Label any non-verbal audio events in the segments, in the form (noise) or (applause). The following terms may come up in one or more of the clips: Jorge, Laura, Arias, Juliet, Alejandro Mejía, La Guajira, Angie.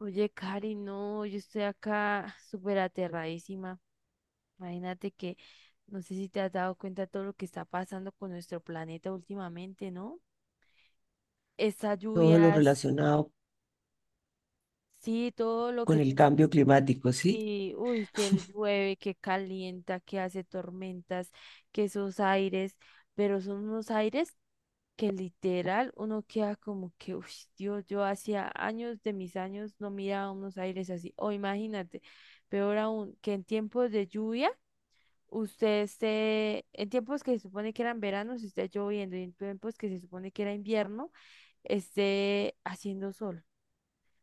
Oye, Cari, no, yo estoy acá súper aterradísima. Imagínate que no sé si te has dado cuenta de todo lo que está pasando con nuestro planeta últimamente, ¿no? Estas Todo lo lluvias, relacionado sí, todo lo con que el tiene. cambio climático, ¿sí? Y, uy, que llueve, que calienta, que hace tormentas, que esos aires, pero son unos aires que literal uno queda como que, uy, Dios, yo hacía años de mis años no miraba unos aires así. O imagínate, peor aún, que en tiempos de lluvia, usted esté, en tiempos que se supone que eran veranos, esté lloviendo, y en tiempos que se supone que era invierno, esté haciendo sol,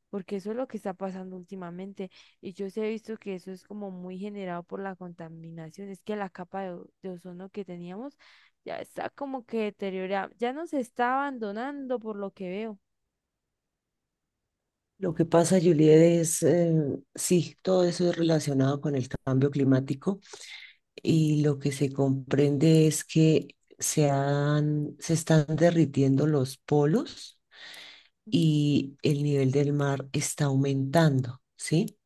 porque eso es lo que está pasando últimamente. Y yo sí he visto que eso es como muy generado por la contaminación. Es que la capa de, de ozono que teníamos ya está como que deteriorada, ya nos está abandonando por lo que veo. Lo que pasa, Juliet, es, sí, todo eso es relacionado con el cambio climático y lo que se comprende es que se están derritiendo los polos y el nivel del mar está aumentando, ¿sí?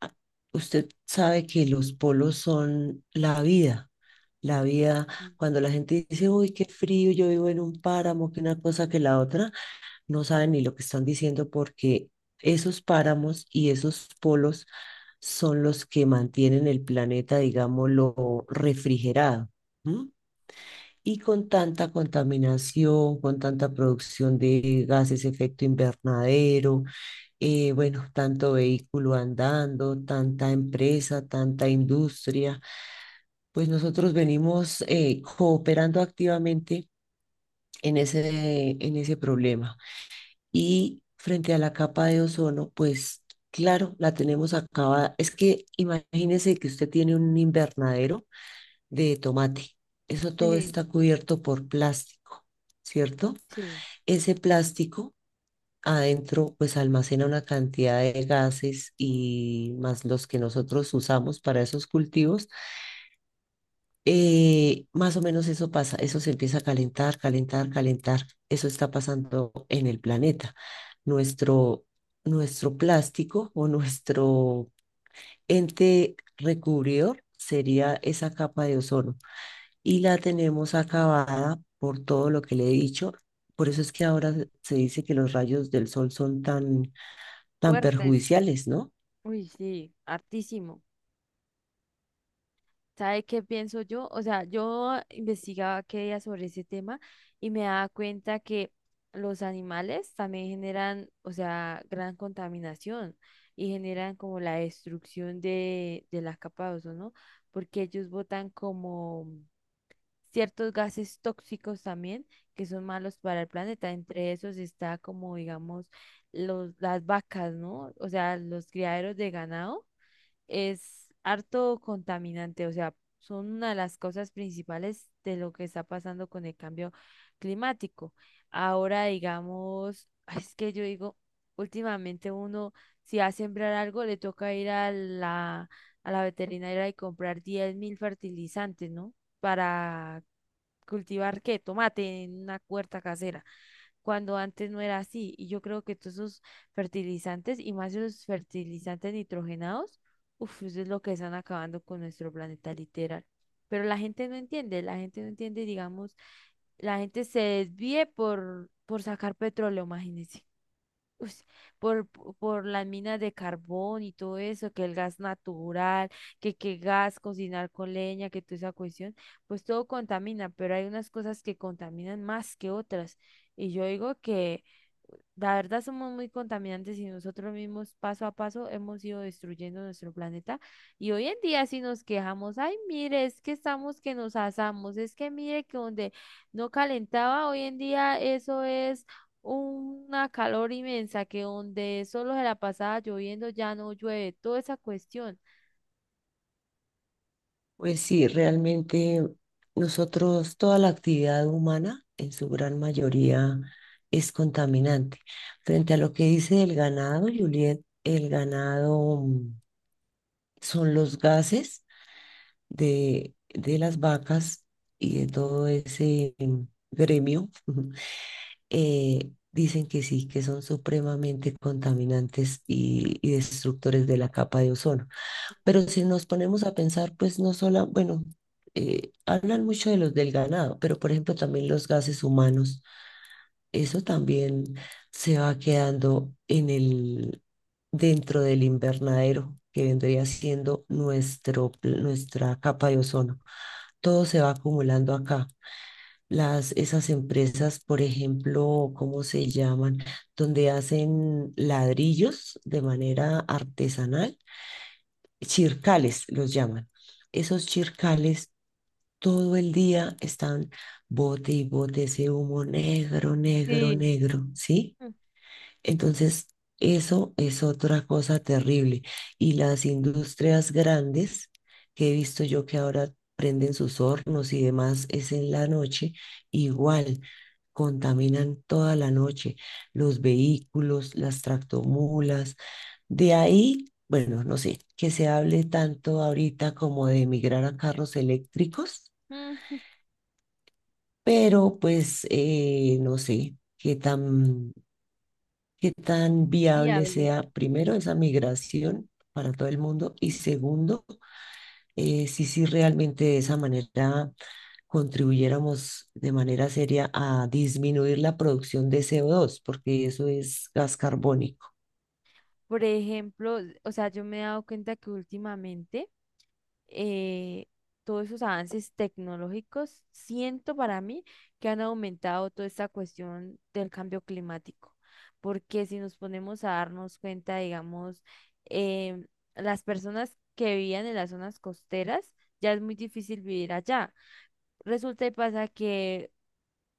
Ah, usted sabe que los polos son la vida. La vida, cuando la gente dice, uy, qué frío, yo vivo en un páramo, que una cosa que la otra, no saben ni lo que están diciendo porque esos páramos y esos polos son los que mantienen el planeta, digámoslo, refrigerado. ¿M? Y con tanta contaminación, con tanta producción de gases efecto invernadero, bueno, tanto vehículo andando, tanta empresa, tanta industria, pues nosotros venimos cooperando activamente en en ese problema. Y frente a la capa de ozono, pues claro, la tenemos acabada. Es que imagínese que usted tiene un invernadero de tomate. Eso todo Sí, está cubierto por plástico, ¿cierto? sí, Ese plástico adentro pues almacena una cantidad de gases y más los que nosotros usamos para esos cultivos más o menos eso pasa, eso se empieza a calentar, calentar, calentar. Eso está pasando en el planeta. Nuestro, Nuestro plástico o nuestro ente recubridor sería esa capa de ozono y la tenemos acabada por todo lo que le he dicho. Por eso es que ahora se dice que los rayos del sol son tan fuertes. perjudiciales, ¿no? Uy, sí, hartísimo. ¿Sabe qué pienso yo? O sea, yo investigaba qué día sobre ese tema y me daba cuenta que los animales también generan, o sea, gran contaminación y generan como la destrucción de las capas de ozono, porque ellos botan como ciertos gases tóxicos también que son malos para el planeta. Entre esos está como, digamos, las vacas, ¿no? O sea, los criaderos de ganado es harto contaminante, o sea, son una de las cosas principales de lo que está pasando con el cambio climático. Ahora, digamos, (laughs) ay, es que yo digo, últimamente uno, si va a sembrar algo, le toca ir a la veterinaria y comprar 10 mil fertilizantes, ¿no? Para cultivar, ¿qué? Tomate en una huerta casera, cuando antes no era así. Y yo creo que todos esos fertilizantes, y más los fertilizantes nitrogenados, uff, eso es lo que están acabando con nuestro planeta literal. Pero la gente no entiende, la gente no entiende, digamos, la gente se desvíe por sacar petróleo, imagínense. Ush, por las minas de carbón y todo eso, que el gas natural, que qué gas, cocinar con leña, que toda esa cuestión, pues todo contamina, pero hay unas cosas que contaminan más que otras. Y yo digo que la verdad somos muy contaminantes y nosotros mismos paso a paso hemos ido destruyendo nuestro planeta, y hoy en día si nos quejamos, ay, mire, es que estamos que nos asamos, es que mire que donde no calentaba hoy en día, eso es una calor inmensa, que donde solo se la pasaba lloviendo ya no llueve, toda esa cuestión. Pues sí, realmente nosotros, toda la actividad humana en su gran mayoría es contaminante. Frente a lo que dice el ganado, Juliet, el ganado son los gases de las vacas y de todo ese gremio. (laughs) Dicen que sí, que son supremamente contaminantes y destructores de la capa de ozono. Pero si nos ponemos a pensar, pues no solo, bueno, hablan mucho de los del ganado, pero por ejemplo también los gases humanos, eso también se va quedando en dentro del invernadero, que vendría siendo nuestra capa de ozono. Todo se va acumulando acá. Esas empresas, por ejemplo, ¿cómo se llaman? Donde hacen ladrillos de manera artesanal, chircales los llaman. Esos chircales todo el día están bote y bote ese humo negro, negro, Sí. negro, ¿sí? Mm, Entonces, eso es otra cosa terrible. Y las industrias grandes, que he visto yo que ahora prenden sus hornos y demás es en la noche, igual contaminan toda la noche los vehículos, las tractomulas, de ahí, bueno, no sé, que se hable tanto ahorita como de migrar a carros eléctricos, mm, pero pues no sé qué tan viable viable. sea primero esa migración para todo el mundo y segundo, si sí realmente de esa manera contribuyéramos de manera seria a disminuir la producción de CO2, porque eso es gas carbónico. Por ejemplo, o sea, yo me he dado cuenta que últimamente eh, todos esos avances tecnológicos, siento para mí que han aumentado toda esta cuestión del cambio climático, porque si nos ponemos a darnos cuenta, digamos, em, las personas que vivían en las zonas costeras, ya es muy difícil vivir allá. Resulta y pasa que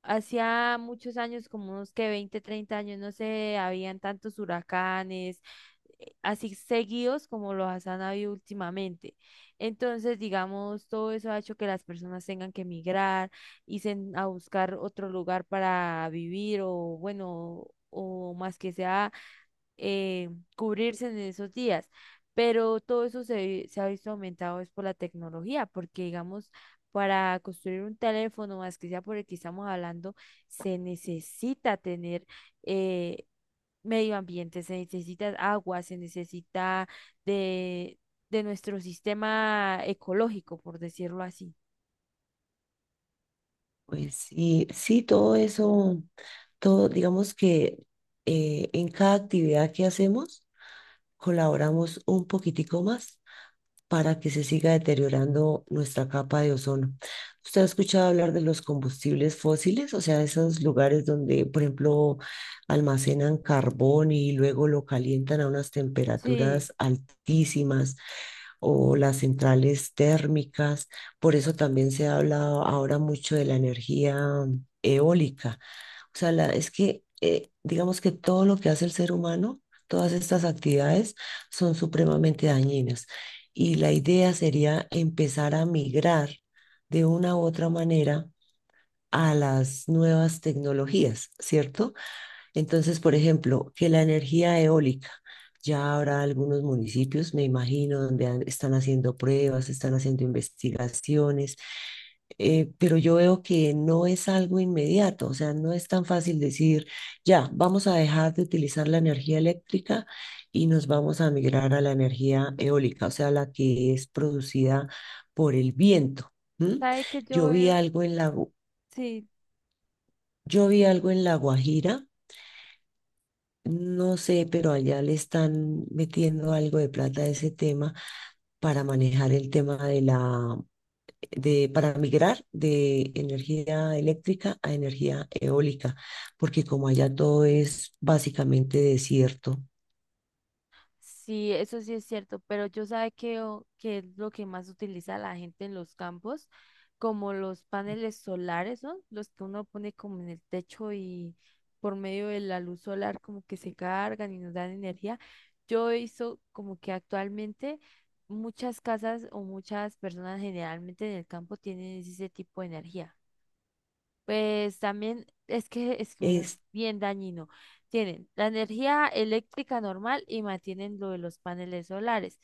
hacía muchos años, como unos que 20, 30 años, no se habían tantos huracanes así seguidos como los han habido últimamente. Entonces, digamos, todo eso ha hecho que las personas tengan que emigrar, irse a buscar otro lugar para vivir, o bueno, o más que sea, eh, cubrirse en esos días. Pero todo eso se ha visto aumentado es por la tecnología, porque digamos, para construir un teléfono, más que sea por el que estamos hablando, se necesita tener, eh, medio ambiente, se necesita agua, se necesita de, de nuestro sistema ecológico, por decirlo así. Pues sí, sí, todo eso, todo, digamos que en cada actividad que hacemos colaboramos un poquitico más para que se siga deteriorando nuestra capa de ozono. ¿Usted ha escuchado hablar de los combustibles fósiles? O sea, esos lugares donde, por ejemplo, almacenan carbón y luego lo calientan a unas Sí, temperaturas altísimas, o las centrales térmicas. Por eso también se habla ahora mucho de la energía eólica. O sea, es que digamos que todo lo que hace el ser humano, todas estas actividades son supremamente dañinas. Y la idea sería empezar a migrar de una u otra manera a las nuevas tecnologías, ¿cierto? Entonces, por ejemplo, que la energía eólica, ya habrá algunos municipios, me imagino, donde están haciendo pruebas, están haciendo investigaciones, pero yo veo que no es algo inmediato, o sea, no es tan fácil decir, ya, vamos a dejar de utilizar la energía eléctrica y nos vamos a migrar a la energía eólica, o sea, la que es producida por el viento. ¿M? ¿sabe que yo Yo vi veo? algo en la, Gu- Sí. yo vi algo en La Guajira. No sé, pero allá le están metiendo algo de plata a ese tema para manejar el tema de para migrar de energía eléctrica a energía eólica, porque como allá todo es básicamente desierto. Sí, eso sí es cierto, pero yo sabe que, que es lo que más utiliza la gente en los campos, como los paneles solares, ¿no? Los que uno pone como en el techo y por medio de la luz solar como que se cargan y nos dan energía. Yo hizo como que actualmente muchas casas o muchas personas generalmente en el campo tienen ese tipo de energía. Pues también es que uno es Es, bien dañino. Tienen la energía eléctrica normal y mantienen lo de los paneles solares.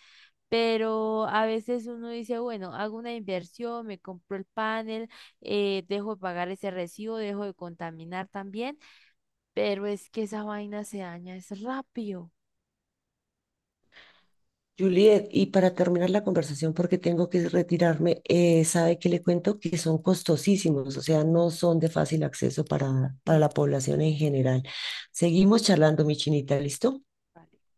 Pero a veces uno dice, bueno, hago una inversión, me compro el panel, dejo de pagar ese recibo, dejo de contaminar también, pero es que esa vaina se daña, es rápido. Juliet, y para terminar la conversación, porque tengo que retirarme, sabe que le cuento que son costosísimos, o sea, no son de fácil acceso para la Sí, población en general. Seguimos charlando, mi chinita, ¿listo? vale.